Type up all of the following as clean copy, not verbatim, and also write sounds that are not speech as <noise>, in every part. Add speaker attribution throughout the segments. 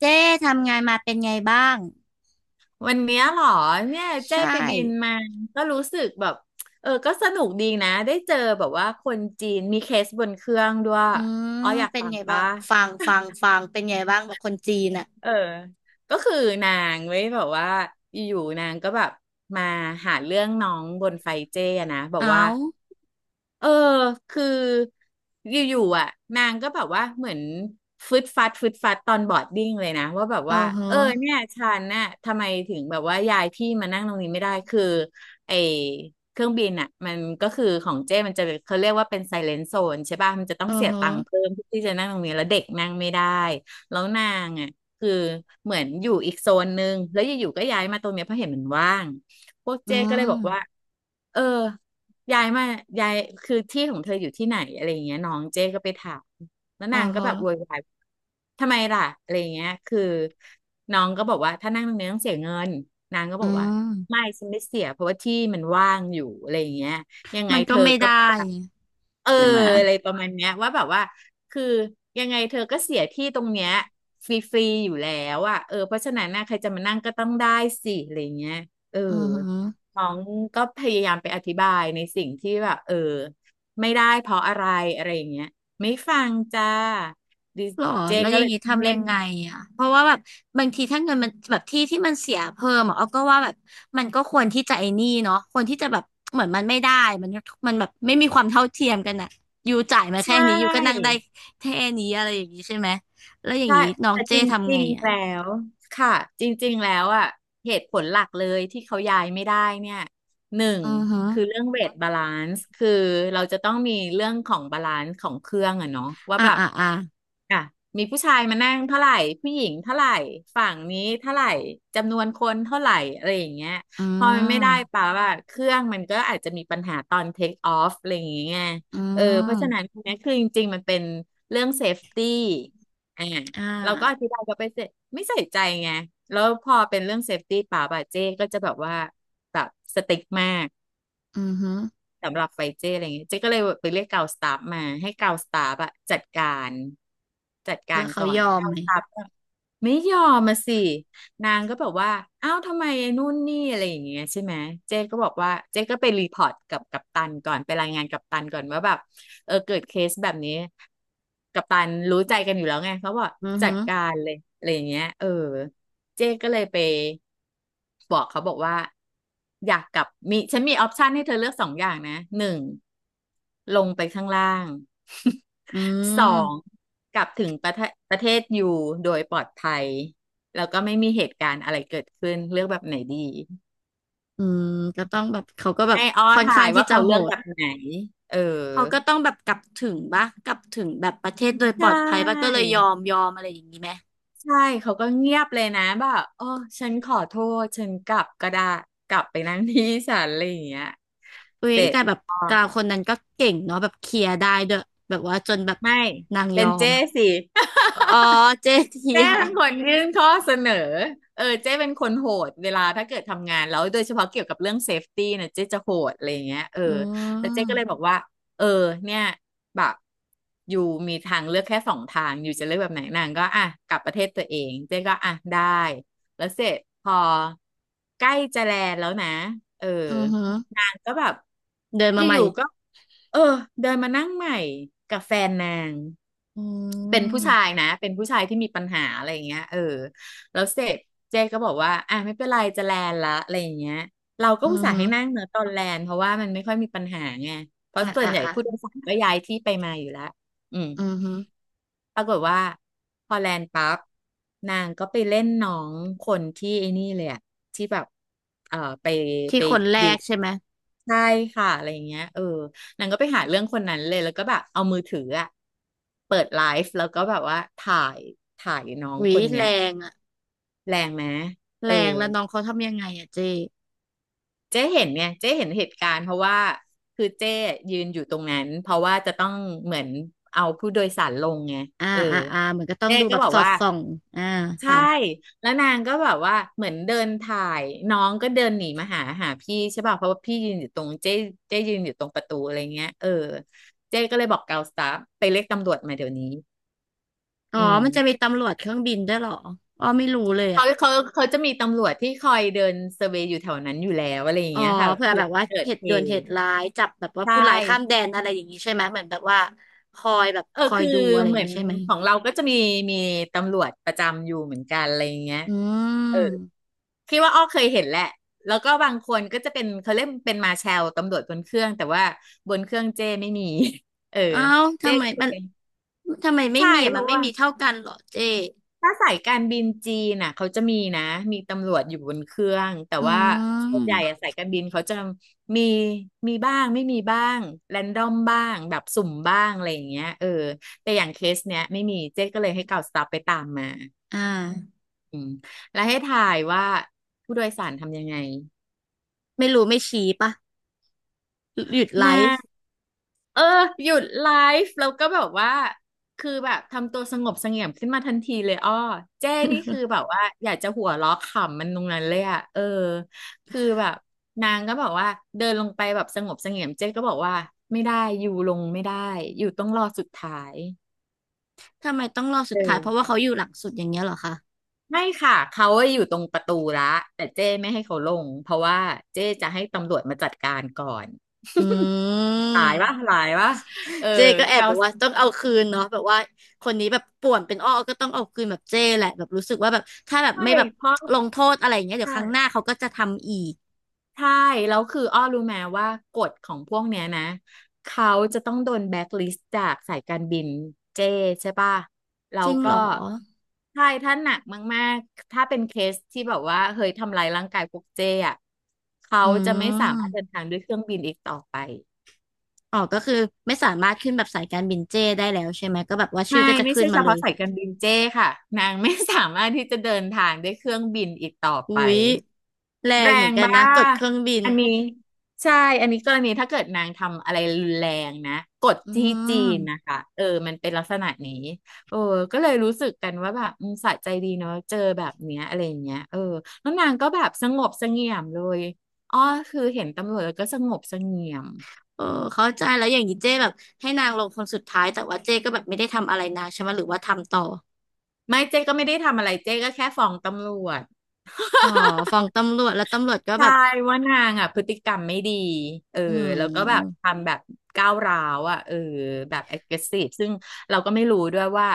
Speaker 1: เจ๊ทำงานมาเป็นไงบ้าง
Speaker 2: วันเนี้ยเหรอเนี่ยเจ้
Speaker 1: ใช่
Speaker 2: ไปบินมาก็รู้สึกแบบก็สนุกดีนะได้เจอแบบว่าคนจีนมีเคสบนเครื่องด้วย
Speaker 1: อื
Speaker 2: อ๋
Speaker 1: ม
Speaker 2: ออยาก
Speaker 1: เป็น
Speaker 2: ฟัง
Speaker 1: ไงบ้า
Speaker 2: ปะ
Speaker 1: งฟังเป็นไงบ้างแบบคนจีนอ่ะ
Speaker 2: เออก็คือนางเว้ยแบบว่าอยู่ๆนางก็แบบมาหาเรื่องน้องบนไฟเจ้อะนะบอกว่า
Speaker 1: เอา
Speaker 2: เออคืออยู่ๆอ่ะนางก็แบบว่าเหมือนฟึดฟัดฟึดฟัดตอนบอร์ดดิ้งเลยนะว่าแบบ
Speaker 1: เออ
Speaker 2: ว่า
Speaker 1: ฮะ
Speaker 2: เออเนี่ยฉันน่ะทำไมถึงแบบว่าย้ายที่มานั่งตรงนี้ไม่ได้คือไอเครื่องบินอ่ะมันก็คือของเจ้มันจะเขาเรียกว่าเป็นไซเลน z โซนใช่ป่ะมันจะต้อ
Speaker 1: เอ
Speaker 2: ง
Speaker 1: อ
Speaker 2: เสีย
Speaker 1: ฮะ
Speaker 2: ตังค์เพิ่มที่จะนั่งตรงนี้แล้วเด็กนั่งไม่ได้แล้วนางอ่ะคือเหมือนอยู่อีกโซนนึงแล้วอยู่ๆก็ย้ายมาตรงเนี้ยเพราะเห็นมันว่าง พวก
Speaker 1: อื
Speaker 2: เจ๊ก็เลยบอกว่า
Speaker 1: ม
Speaker 2: เออย้ายมายายคือที่ของเธออยู่ที่ไหนอะไรอย่างเงี้ยน้องเจ๊ก็ไปถามแล้ว
Speaker 1: เออ
Speaker 2: นางก็
Speaker 1: ฮะ
Speaker 2: แบบโวยวายทำไมล่ะอะไรอย่างเงี้ยคือน้องก็บอกว่าถ้านั่งตรงนี้ต้องเสียเงินนางก็
Speaker 1: อื
Speaker 2: บอกว่าไม่
Speaker 1: ม
Speaker 2: ฉันไม่เสียเพราะว่าที่มันว่างอยู่อะไรอย่างเงี้ยยังไง
Speaker 1: มัน
Speaker 2: เธ
Speaker 1: ก็
Speaker 2: อ
Speaker 1: ไม่
Speaker 2: ก็
Speaker 1: ได้
Speaker 2: บอกว่าเออ
Speaker 1: ใช่ไหม
Speaker 2: อะไรประมาณเนี้ยว่าแบบว่าคือยังไงเธอก็เสียที่ตรงเนี้ยฟรีๆอยู่แล้วอ่ะเออเพราะฉะนั้นนะใครจะมานั่งก็ต้องได้สิอะไรอย่างเงี้ยเออ
Speaker 1: อือฮะ
Speaker 2: น้องก็พยายามไปอธิบายในสิ่งที่แบบไม่ได้เพราะอะไรอะไรอย่างเงี้ยไม่ฟังจ้าดิ
Speaker 1: หรอ
Speaker 2: เจ
Speaker 1: แล้วอ
Speaker 2: ก็
Speaker 1: ย่า
Speaker 2: เล
Speaker 1: ง
Speaker 2: ย
Speaker 1: นี้
Speaker 2: ต้อง
Speaker 1: ทำ
Speaker 2: เล่
Speaker 1: ยั
Speaker 2: น
Speaker 1: งไงอ่ะเพราะว่าแบบบางทีถ้าเงินมันแบบที่มันเสียเพิ่มอ่ะเอาก็ว่าแบบมันก็ควรที่จะไอ้นี่เนาะควรที่จะแบบเหมือนมันไม่ได้มันมันแบบไม่มีความเท่าเทียมกันอ่ะอยู่จ่ายมา
Speaker 2: ใช
Speaker 1: แค่นี้อยู่ก็นั่ง
Speaker 2: ่
Speaker 1: ได้แค่นี้อะไรอย่างนี้ใช่ไหมแล้วอย่าง
Speaker 2: ใช่
Speaker 1: นี้น้อง
Speaker 2: แต่จ
Speaker 1: เจ้ทำ
Speaker 2: ริ
Speaker 1: ไง
Speaker 2: งๆ
Speaker 1: อ่ะ
Speaker 2: แล้วค่ะจริงๆแล้วอ่ะเหตุผลหลักเลยที่เขาย้ายไม่ได้เนี่ยหนึ่ง
Speaker 1: อือฮึ
Speaker 2: คือเรื่องเวทบาลานซ์คือเราจะต้องมีเรื่องของบาลานซ์ของเครื่องอะเนาะว่า
Speaker 1: อ่า
Speaker 2: แบบ
Speaker 1: อ่าอ่า
Speaker 2: อ่ะมีผู้ชายมานั่งเท่าไหร่ผู้หญิงเท่าไหร่ฝั่งนี้เท่าไหร่จำนวนคนเท่าไหร่อะไรอย่างเงี้ย
Speaker 1: อื
Speaker 2: พอมันไม่ได้
Speaker 1: ม
Speaker 2: ป่าวว่าเครื่องมันก็อาจจะมีปัญหาตอนเทคออฟอะไรอย่างเงี้ย
Speaker 1: อื
Speaker 2: เออเพราะฉะนั้น
Speaker 1: ม
Speaker 2: ตรงเนี้ยคือจริงๆมันเป็นเรื่องเซฟตี้อ่า
Speaker 1: อ่า
Speaker 2: เราก็อธิบายเขาไปเสร็จไม่ใส่ใจไงแล้วพอเป็นเรื่องเซฟตี้ป่าวป่ะเจ๊ก็จะแบบว่าแบบสติ๊กมาก
Speaker 1: อือฮึ
Speaker 2: สำหรับไฟเจ้อะไรเงี้ยเจ๊ก็เลยไปเรียกกาวสตาฟมาให้กาวสตาฟอะจัดการ
Speaker 1: แล้วเขา
Speaker 2: ก่อ
Speaker 1: ย
Speaker 2: น
Speaker 1: อม
Speaker 2: กา
Speaker 1: ไห
Speaker 2: ว
Speaker 1: ม
Speaker 2: สตาฟก็ไม่ยอมมาสินางก็แบบว่าอ้าวทำไมไอ้นู่นนี่อะไรอย่างเงี้ยใช่ไหมเจ๊ก็บอกว่าเจ๊ก็ไปรีพอร์ตกับกัปตันก่อนไปรายงานกัปตันก่อนว่าแบบเกิดเคสแบบนี้กัปตันรู้ใจกันอยู่แล้วไงเขาบอก
Speaker 1: อือ
Speaker 2: จั
Speaker 1: ฮึ
Speaker 2: ดการเลยอะไรอย่างเงี้ยเจ๊ก็เลยไปบอกเขาบอกว่าอยากกลับมีฉันมีออปชันให้เธอเลือกสองอย่างนะหนึ่งลงไปข้างล่าง
Speaker 1: อื
Speaker 2: <laughs> สอง
Speaker 1: ม
Speaker 2: กลับถึงประเทศอยู่โดยปลอดภัยแล้วก็ไม่มีเหตุการณ์อะไรเกิดขึ้นเลือกแบบไหนดี
Speaker 1: อืมก็ต้องแบบเขาก็แบบ
Speaker 2: ให้อ้อ
Speaker 1: ค่อน
Speaker 2: ถ่า
Speaker 1: ข้าง
Speaker 2: ย
Speaker 1: ที่
Speaker 2: ว่า
Speaker 1: จะ
Speaker 2: เขา
Speaker 1: โห
Speaker 2: เลือก
Speaker 1: ด
Speaker 2: แบบไหนเออ
Speaker 1: เขาก็ต้องแบบกลับถึงปะกลับถึงแบบประเทศโดยป
Speaker 2: ใช
Speaker 1: ลอดภัยปะก็เล
Speaker 2: ่
Speaker 1: ยยอมอะไรอย่างนี้ไหม
Speaker 2: ใช่ เขาก็เงียบเลยนะ แบบโอ้ฉันขอโทษฉันกลับก็ได้ กลับไปนั่งที่ศาลอะไรอย่างเงี้ย
Speaker 1: อุ้ย
Speaker 2: เสร็จ
Speaker 1: แต่แบบ
Speaker 2: อ๋อ
Speaker 1: กาวคนนั้นก็เก่งเนาะแบบเคลียร์ได้ด้วยแบบว่าจนแบบ
Speaker 2: ไม่
Speaker 1: นางย
Speaker 2: เป็
Speaker 1: อ
Speaker 2: น
Speaker 1: ม
Speaker 2: เจ้สิ
Speaker 1: อ๋อเจเที
Speaker 2: เจ้
Speaker 1: ย
Speaker 2: เป็นคนยื่นข้อเสนอเจ้เป็นคนโหดเวลาถ้าเกิดทำงานแล้วโดยเฉพาะเกี่ยวกับเรื่องเซฟตี้นะเจ้จะโหดอะไรอย่างเงี้ย
Speaker 1: อื
Speaker 2: แล้วเจ้ก็เลยบ
Speaker 1: ม
Speaker 2: อกว่าเออเนี่ยแบบอยู่มีทางเลือกแค่สองทางอยู่จะเลือกแบบไหนนางก็อ่ะกลับประเทศตัวเองเจ้ก็อ่ะได้แล้วเสร็จพอใกล้จะแลนด์แล้วนะเออ
Speaker 1: อือหือ
Speaker 2: นางก็แบบ
Speaker 1: เดิน
Speaker 2: อ
Speaker 1: มาใหม่
Speaker 2: ยู่ๆก็เออเดินมานั่งใหม่กับแฟนนาง
Speaker 1: อื
Speaker 2: เป็นผู้ชาย
Speaker 1: ม
Speaker 2: นะเป็นผู้ชายที่มีปัญหาอะไรอย่างเงี้ยแล้วเสร็จเจ๊ก็บอกว่าอ่ะไม่เป็นไรจะแลนละอะไรอย่างเงี้ยเราก็
Speaker 1: อื
Speaker 2: อุ
Speaker 1: อ
Speaker 2: ตส่าห์
Speaker 1: หือ
Speaker 2: ให้นั่งเนอะตอนแลนเพราะว่ามันไม่ค่อยมีปัญหาไงเพราะ
Speaker 1: อ่ะ
Speaker 2: ส่วน
Speaker 1: อ่ะ
Speaker 2: ใหญ่ผู้โดย
Speaker 1: อ่ะ
Speaker 2: สารก็ย้ายที่ไปมาอยู่แล้วอืม
Speaker 1: อือหือ
Speaker 2: ปรากฏว่าพอแลนปั๊บนางก็ไปเล่นน้องคนที่ไอ้นี่เลยอะที่แบบไป
Speaker 1: ที่
Speaker 2: ไป
Speaker 1: คนแรกใช่ไหม
Speaker 2: ใช่ค่ะอะไรอย่างเงี้ยนางก็ไปหาเรื่องคนนั้นเลยแล้วก็แบบเอามือถืออะเปิดไลฟ์แล้วก็แบบว่าถ่ายน้อ
Speaker 1: ห
Speaker 2: ง
Speaker 1: วี
Speaker 2: คนเนี้
Speaker 1: แร
Speaker 2: ย
Speaker 1: งอะ
Speaker 2: แรงไหมเอ
Speaker 1: แร
Speaker 2: อ
Speaker 1: งแล้วน้องเขาทำยังไงอะเจ
Speaker 2: เจ๊เห็นเนี่ยเจ๊เห็นเหตุการณ์เพราะว่าคือเจ๊ยืนอยู่ตรงนั้นเพราะว่าจะต้องเหมือนเอาผู้โดยสารลงไง
Speaker 1: อ่า
Speaker 2: เออ
Speaker 1: อ่าอ่าเหมือนก็ต้อง
Speaker 2: เจ๊
Speaker 1: ดู
Speaker 2: ก็
Speaker 1: แบบ
Speaker 2: บอก
Speaker 1: สอด
Speaker 2: ว่า
Speaker 1: ส่องอ่า
Speaker 2: ใช่
Speaker 1: ค่ะ
Speaker 2: แล้วนางก็แบบว่าเหมือนเดินถ่ายน้องก็เดินหนีมาหาพี่ใช่ป่ะเพราะว่าพี่ยืนอยู่ตรงเจ๊เจ๊ยืนอยู่ตรงประตูอะไรเงี้ยเออเจ๊ก็เลยบอกเกาสตาฟไปเรียกตำรวจมาเดี๋ยวนี้
Speaker 1: อ๋อ
Speaker 2: อืม
Speaker 1: มันจะมี
Speaker 2: คือ
Speaker 1: ตำรวจเครื่องบินด้วยเหรออ๋อไม่รู้เลย
Speaker 2: เขา
Speaker 1: อ่ะ
Speaker 2: เขาเขาจะมีตำรวจที่คอยเดินเซอร์เวย์อยู่แถวนั้นอยู่แล้วอะไรอย่าง
Speaker 1: อ๋อ
Speaker 2: เงี้ยค่ะ
Speaker 1: เผื่อ
Speaker 2: เผื่
Speaker 1: แบ
Speaker 2: อ
Speaker 1: บว่า
Speaker 2: เกิ
Speaker 1: เห
Speaker 2: ด
Speaker 1: ตุ
Speaker 2: เห
Speaker 1: ด่วนเห
Speaker 2: ตุ
Speaker 1: ตุร้ายจับแบบว่า
Speaker 2: ใช่
Speaker 1: ผู้ร้ายข้ามแดนอะไรอย่างนี้ใช่ไหมเหมือนแบบว่าคอยแบบ
Speaker 2: เออ
Speaker 1: คอย
Speaker 2: คือ
Speaker 1: ดูอะไรอ
Speaker 2: เห
Speaker 1: ย่าง
Speaker 2: มือ
Speaker 1: นี้
Speaker 2: น
Speaker 1: ใช่ไหม
Speaker 2: ของเราก็จะมีตำรวจประจำอยู่เหมือนกันอะไรอย่างเงี้ย
Speaker 1: อืม
Speaker 2: คิดว่าอ้อเคยเห็นแหละแล้วก็บางคนก็จะเป็นเขาเรียกเป็นมาร์แชลตำรวจบนเครื่องแต่ว่าบนเครื่องเจ้ไม่มี <laughs> เออ
Speaker 1: เอ้า
Speaker 2: เจ้
Speaker 1: ทำไม
Speaker 2: ก็จะ
Speaker 1: มัน
Speaker 2: เป็น
Speaker 1: ทำไมไม่
Speaker 2: ใช่
Speaker 1: มีอ่ะ
Speaker 2: เพ
Speaker 1: มัน
Speaker 2: ราะ
Speaker 1: ไม่
Speaker 2: ว่า
Speaker 1: มีเท่ากันเหรอเจ๊
Speaker 2: ถ้าสายการบินจีนน่ะเขาจะมีนะมีตำรวจอยู่บนเครื่องแต่
Speaker 1: อื
Speaker 2: ว่าส่วนใหญ่อะ
Speaker 1: ม
Speaker 2: สายการบินเขาจะมีมีบ้างไม่มีบ้างแรนดอมบ้างแบบสุ่มบ้างอะไรอย่างเงี้ยเออแต่อย่างเคสเนี้ยไม่มีเจ๊ก็เลยให้เก่าสตาฟไปตามมา
Speaker 1: อ่า
Speaker 2: อืมแล้วให้ถ่ายว่าผู้โดยสารทำยังไง
Speaker 1: ไม่รู้ไม่ชี้ปะหยุดไล
Speaker 2: นะ
Speaker 1: ฟ์
Speaker 2: เออหยุดไลฟ์แล้วก็แบบว่าคือแบบทำตัวสงบเสงี่ยมขึ้นมาทันทีเลยอ้อเจ้นี่คือแบบว่าอยากจะหัวเราะขำมันตรงนั้นเลยอ่ะเออคือแบบนางก็บอกว่าเดินลงไปแบบสงบเสงี่ยมเจ้ก็บอกว่าไม่ได้อยู่ลงไม่ได้อยู่ต้องรอสุดท้าย
Speaker 1: ทำไมต้องรอสุ
Speaker 2: เอ
Speaker 1: ดท้าย
Speaker 2: อ
Speaker 1: เพราะว่าเขาอยู่หลังสุดอย่างเงี้ยเหรอคะ
Speaker 2: ไม่ค่ะเขาอะอยู่ตรงประตูละแต่เจ้ไม่ให้เขาลงเพราะว่าเจ้จะให้ตำรวจมาจัดการก่อน
Speaker 1: อื
Speaker 2: หลายวะ
Speaker 1: ม
Speaker 2: หลายวะเออ
Speaker 1: เจ้ก็แอบ
Speaker 2: เกา
Speaker 1: แบบว่าต้องเอาคืนเนาะแบบว่าคนนี้แบบป่วนเป็นอ้อก็ต้องเอาคืนแบบเจ้แหละแบบรู้สึกว่าแบบถ้าแบบ
Speaker 2: ไม่
Speaker 1: ไม่แบบ
Speaker 2: เพราะ
Speaker 1: ลงโทษอะไรอย่างเงี้ยเดี๋ยวครั้งหน้าเขาก็จะทำอีก
Speaker 2: ใช่แล้วคืออ้อรู้ไหมว่ากฎของพวกเนี้ยนะเขาจะต้องโดนแบ็คลิสต์จากสายการบินเจใช่ป่ะแล้
Speaker 1: จ
Speaker 2: ว
Speaker 1: ริง
Speaker 2: ก็
Speaker 1: เหรอ
Speaker 2: ใช่ถ้าหนักมากๆถ้าเป็นเคสที่แบบว่าเฮ้ยทำลายร่างกายพวกเจอ่ะเขา
Speaker 1: อื
Speaker 2: จะไม่สามารถเดิน
Speaker 1: ม
Speaker 2: ทางด้วยเครื่องบินอีกต่อไป
Speaker 1: อ๋อก็คือไม่สามารถขึ้นแบบสายการบินเจ้ได้แล้วใช่ไหมก็แบบว่าชื่อ
Speaker 2: ไม่
Speaker 1: ก็จะ
Speaker 2: ไม่
Speaker 1: ขึ้น
Speaker 2: ใช่
Speaker 1: มา
Speaker 2: เฉ
Speaker 1: เล
Speaker 2: พาะ
Speaker 1: ย
Speaker 2: สายการบินเจค่ะนางไม่สามารถที่จะเดินทางด้วยเครื่องบินอีกต่อ
Speaker 1: อุ๊
Speaker 2: ไป
Speaker 1: ยแร
Speaker 2: แร
Speaker 1: งเหมือน
Speaker 2: ง
Speaker 1: กัน
Speaker 2: บ้า
Speaker 1: นะกดเครื่องบิน
Speaker 2: อันนี้ใช่อันนี้กรณีถ้าเกิดนางทำอะไรรุนแรงนะกฎ
Speaker 1: อื
Speaker 2: ที่จีน
Speaker 1: ม
Speaker 2: นะคะเออมันเป็นลักษณะนี้เออก็เลยรู้สึกกันว่าแบบอืมสะใจดีเนาะเจอแบบเนี้ยอะไรอย่างเงี้ยเออแล้วนางก็แบบสงบเสงี่ยมเลยอ๋อคือเห็นตำรวจแล้วก็สงบเสงี่ยม
Speaker 1: เออเข้าใจแล้วอย่างนี้เจ้แบบให้นางลงคนสุดท้ายแต่ว่าเจ้ก็แบบไม่ได้ทำอะไรนางใช่ไหมหรือว่าทำต่อ
Speaker 2: ไม่เจ๊ก็ไม่ได้ทำอะไรเจ๊ก็แค่ฟ้องตำรวจ
Speaker 1: อ๋อฟ้องตำรวจแล้วตำรวจก็แบ
Speaker 2: ใช่
Speaker 1: บ
Speaker 2: ว่านางอ่ะพฤติกรรมไม่ดีเออ
Speaker 1: อื
Speaker 2: แล้วก็แบบ
Speaker 1: ม
Speaker 2: ทำแบบก้าวร้าวอ่ะเออแบบ aggressive ซึ่งเราก็ไม่รู้ด้วยว่า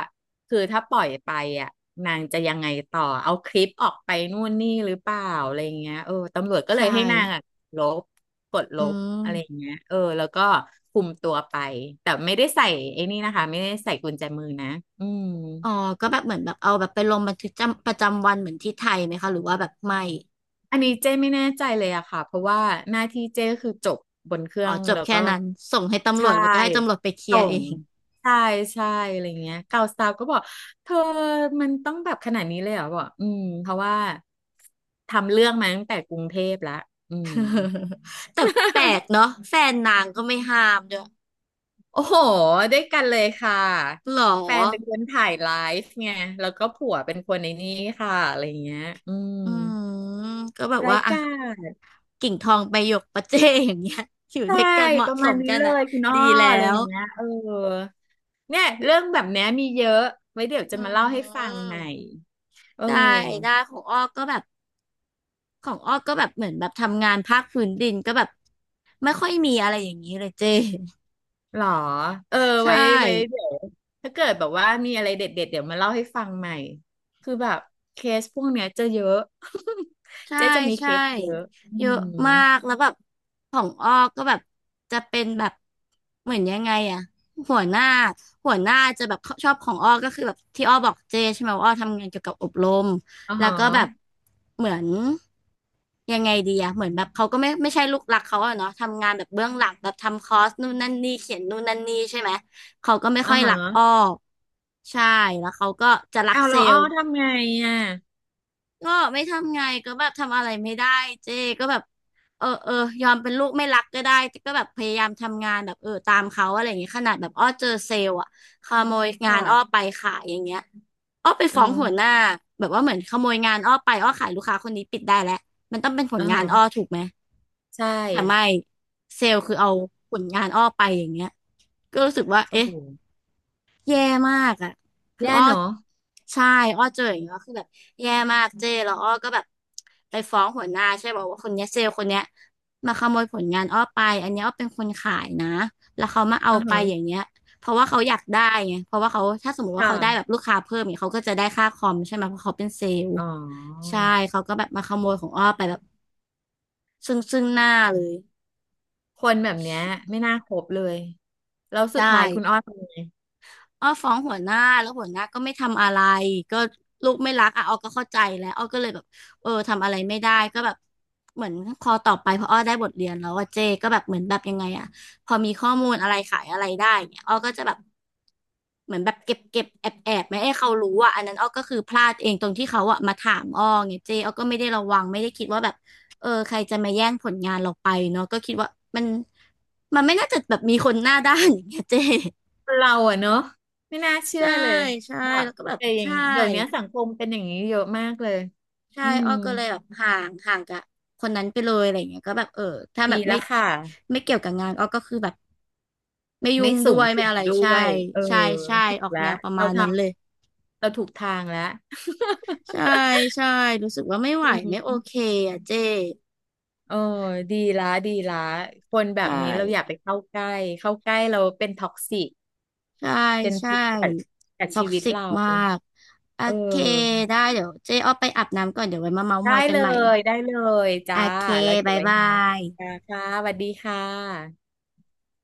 Speaker 2: คือถ้าปล่อยไปอ่ะนางจะยังไงต่อเอาคลิปออกไปนู่นนี่หรือเปล่าอะไรเงี้ยเออตำรวจก็เล
Speaker 1: ใช่
Speaker 2: ยให้นางอ่ะลบกดล
Speaker 1: อื
Speaker 2: บอะไร
Speaker 1: ม
Speaker 2: เงี้ยเออแล้วก็คุมตัวไปแต่ไม่ได้ใส่ไอ้นี่นะคะไม่ได้ใส่กุญแจมือนะอืม
Speaker 1: อ๋อก็แบบเหมือนแบบเอาแบบไปลงบันทึกจำประจำวันเหมือนที่ไทยไหมคะหรือว่าแบบไม่
Speaker 2: อันนี้เจ้ไม่แน่ใจเลยอะค่ะเพราะว่าหน้าที่เจ้ก็คือจบบนเครื่
Speaker 1: อ๋อ
Speaker 2: อง
Speaker 1: จบ
Speaker 2: แล้ว
Speaker 1: แค่
Speaker 2: ก็
Speaker 1: นั้นส่งให้ตำร
Speaker 2: ใช่
Speaker 1: วจแล้วก็ให้ตำรวจไปเคลีย
Speaker 2: ส่
Speaker 1: ร์เอ
Speaker 2: ง
Speaker 1: ง
Speaker 2: ใช่ใช่อะไรเงี้ยเก่าสาวก็บอกเธอมันต้องแบบขนาดนี้เลยเหรอบอกอืมเพราะว่าทำเรื่องมาตั้งแต่กรุงเทพแล้วอืม
Speaker 1: <laughs> แต่แปลก
Speaker 2: <laughs>
Speaker 1: เนาะแฟนนางก็ไม่ห้ามด้วย
Speaker 2: โอ้โหด้วยกันเลยค่ะ
Speaker 1: หรอ
Speaker 2: แฟนเป็นคนถ่ายไลฟ์ไงแล้วก็ผัวเป็นคนในนี้ค่ะอะไรเงี้ยอืม
Speaker 1: อืมก็แบบ
Speaker 2: รา
Speaker 1: ว่า
Speaker 2: ย
Speaker 1: อ่ะ
Speaker 2: การ
Speaker 1: กิ่งทองไปหยกประเจอย่างเงี้ย <laughs> อยู่
Speaker 2: ใช่
Speaker 1: ด้วยกันเห
Speaker 2: ป
Speaker 1: มาะ
Speaker 2: ระ
Speaker 1: ส
Speaker 2: มาณ
Speaker 1: ม
Speaker 2: นี้
Speaker 1: กัน
Speaker 2: เล
Speaker 1: อะ
Speaker 2: ยคุณอ้อ
Speaker 1: ดีแล้
Speaker 2: อะไรอ
Speaker 1: ว
Speaker 2: ย่างเงี้ยเออเนี่ยเรื่องแบบเนี้ยมีเยอะไว้เดี๋ยวจะ
Speaker 1: อื
Speaker 2: มาเล่าให้ฟังให
Speaker 1: ม
Speaker 2: ม่ เออ
Speaker 1: ได้ได้ของอ้อก็แบบ ของอ้อก็แบบเหมือนแบบทำงานภาคพื้นดินก็แบบไม่ค่อยมีอะไรอย่างนี้เลยเจ้ <laughs>
Speaker 2: หรอเออ
Speaker 1: ใช
Speaker 2: ไว้ไว้เดี๋
Speaker 1: ่
Speaker 2: ยวถ้าเกิดแบบว่ามีอะไรเด็ดเด็ดเดี๋ยวมาเล่าให้ฟังใหม่คือแบบเคสพวกเนี้ยจะเยอะ <laughs>
Speaker 1: ใช่
Speaker 2: เจ๊จะมีเค
Speaker 1: ใช่
Speaker 2: สเยอะอื
Speaker 1: เยอะ
Speaker 2: ม
Speaker 1: มากแล้วแบบของอ้อก็แบบจะเป็นแบบเหมือนยังไงอะหัวหน้าหัวหน้าจะแบบชอบของอ้อก็คือแบบที่อ้อบอกเจใช่ไหมว่าอ้อทำงานเกี่ยวกับอบรม
Speaker 2: อ๋อ
Speaker 1: แล้ว
Speaker 2: ฮะ
Speaker 1: ก็แบบเหมือนยังไงดีอะเหมือนแบบเขาก็ไม่ใช่ลูกรักเขาอะเนาะทำงานแบบเบื้องหลังแบบทำคอร์สนู่นนั่นนี่เขียนนู่นนั่นนี่ใช่ไหมเขาก็ไม่
Speaker 2: อ๋
Speaker 1: ค่
Speaker 2: อ
Speaker 1: อยรักอ้อ
Speaker 2: ฮะ
Speaker 1: ใช่แล้วเขาก็จะรัก
Speaker 2: เอา
Speaker 1: เซ
Speaker 2: เรา
Speaker 1: ล
Speaker 2: อ้อ
Speaker 1: ล์
Speaker 2: ทำไงอ่ะ
Speaker 1: ก็ไม่ทำไงก็แบบทำอะไรไม่ได้เจ๊ก็แบบเออยอมเป็นลูกไม่รักก็ได้แต่ก็แบบพยายามทำงานแบบเออตามเขาอะไรอย่างเงี้ยขนาดแบบอ้อเจอเซลล์อะขโมยงานอ้อ
Speaker 2: ค่ะ
Speaker 1: ไปขายอย่างเงี้ยอ้อไป
Speaker 2: อ๋อ
Speaker 1: ฟ้องหัวหน้าแบบว่าเหมือนขโมยงานอ้อไปอ้อขายลูกค้าคนนี้ปิดได้แล้วมันต้องเป็นผ
Speaker 2: อ๋
Speaker 1: ล
Speaker 2: อ
Speaker 1: งานอ้อ
Speaker 2: ฮะ
Speaker 1: ถูกไหม
Speaker 2: ใช่
Speaker 1: แต่ไม่เซลล์คือเอาผลงานอ้อไปอย่างเงี้ยก็รู้สึกว่า
Speaker 2: โอ้
Speaker 1: เอ๊ะ
Speaker 2: โห
Speaker 1: แย่มากอ่ะคือ
Speaker 2: แย่
Speaker 1: อ้อ
Speaker 2: เนอะ
Speaker 1: ใช่อ้อเจออย่างเงี้ยคือแบบแย่มากเจ้แล้วอ้อก็แบบไปฟ้องหัวหน้าใช่บอกว่าคนเนี้ยเซลล์คนเนี้ยมาขโมยผลงานอ้อไปอันเนี้ยอ้อเป็นคนขายนะแล้วเขามาเอา
Speaker 2: อ๋อ
Speaker 1: ไปอย่า
Speaker 2: ฮะ
Speaker 1: งเงี้ยเพราะว่าเขาอยากได้ไงเพราะว่าเขาถ้าสมมติ
Speaker 2: ค
Speaker 1: ว่าเขาได้แบบ
Speaker 2: ่ะ
Speaker 1: ลูกค้าเพิ่มเนี่ยเขาก็จะได้ค่าคอมใช่ไหมเพราะเขาเป็นเซลล์
Speaker 2: อ๋อ
Speaker 1: ใช่เขาก็แบบมาขโมยของอ้อไปแบบซึ่งหน้าเลย
Speaker 2: คนแบบเนี้ยไม่น่าคบเลยแล้วสุ
Speaker 1: ใช่
Speaker 2: ดท้ายคุณอ้อทำไง
Speaker 1: อ้อฟ้องหัวหน้าแล้วหัวหน้าก็ไม่ทำอะไรก็ลูกไม่รักอ่ะอ้อก็เข้าใจแล้วอ้อก็เลยแบบเออทำอะไรไม่ได้ก็แบบเหมือนพอต่อไปพออ้อได้บทเรียนแล้วว่าเจก็แบบเหมือนแบบยังไงอ่ะพอมีข้อมูลอะไรขายอะไรได้เนี่ยอ้อก็จะแบบเหมือนแบบเก็บแอบไม่ให้เขารู้อ่ะอันนั้นอ้อก็คือพลาดเองตรงที่เขาอ่ะมาถามอ้อไงเจอ้อก็ไม่ได้ระวังไม่ได้คิดว่าแบบเออใครจะมาแย่งผลงานเราไปเนาะก็คิดว่ามันมันไม่น่าจะแบบมีคนหน้าด้านอย่างเงี้ยเจ
Speaker 2: เราอะเนาะไม่น่าเชื่อ
Speaker 1: ใช่
Speaker 2: เลย
Speaker 1: ใช่
Speaker 2: แบบ
Speaker 1: แล้วก็แบบ
Speaker 2: แต่อย่าง
Speaker 1: ใช่
Speaker 2: เดี๋ยวนี้สังคมเป็นอย่างนี้เยอะมากเลย
Speaker 1: ใช่
Speaker 2: อืม
Speaker 1: อ้อก็เลยแบบห่างกับคนนั้นไปเลยอะไรอย่างเงี้ยก็แบบเออถ้าแบ
Speaker 2: ดี
Speaker 1: บไม่
Speaker 2: แล้วค่ะ
Speaker 1: ไม่เกี่ยวกับงานอ้อก็คือแบบไม่ยุ่
Speaker 2: ไม่
Speaker 1: ง
Speaker 2: สู
Speaker 1: ด้ว
Speaker 2: ง
Speaker 1: ย
Speaker 2: สิ
Speaker 1: ไม่
Speaker 2: ง
Speaker 1: อะไร
Speaker 2: ด้
Speaker 1: ใช่
Speaker 2: วยเออ
Speaker 1: ใช่ใช่
Speaker 2: ถูก
Speaker 1: ออก
Speaker 2: แล้ว
Speaker 1: แนวประ
Speaker 2: เรา
Speaker 1: มาณ
Speaker 2: ท
Speaker 1: นั้นเลย
Speaker 2: ำเราถูกทางแล้ว
Speaker 1: ใช่ใช่รู้สึกว่าไม่ไหวไม่
Speaker 2: <laughs> อื
Speaker 1: โอเค
Speaker 2: ม
Speaker 1: อ่ะเจ้
Speaker 2: เออดีละดีละคนแบบ
Speaker 1: ใช่
Speaker 2: นี้เราอย่าไปเข้าใกล้เข้าใกล้เราเป็นท็อกซิก
Speaker 1: ใช่
Speaker 2: เป็น
Speaker 1: ใช่
Speaker 2: พิษกับกับ
Speaker 1: ท็อ
Speaker 2: ชี
Speaker 1: ก
Speaker 2: วิต
Speaker 1: ซิก
Speaker 2: เรา
Speaker 1: มากโอ
Speaker 2: เอ
Speaker 1: เค
Speaker 2: อ
Speaker 1: ได้เดี๋ยวเจ๊อ้อไปอาบน้ำก่อนเดี๋ยวไว้มาเม้าท์ม
Speaker 2: ได้
Speaker 1: อยกั
Speaker 2: เล
Speaker 1: นใหม่
Speaker 2: ได้เลย
Speaker 1: โอ
Speaker 2: จ้า
Speaker 1: เค
Speaker 2: แล้วเดี๋ย
Speaker 1: บา
Speaker 2: ว
Speaker 1: ย
Speaker 2: ไว้
Speaker 1: บา
Speaker 2: เมาส์กัน
Speaker 1: ย
Speaker 2: ค่ะสวัสดีค่ะ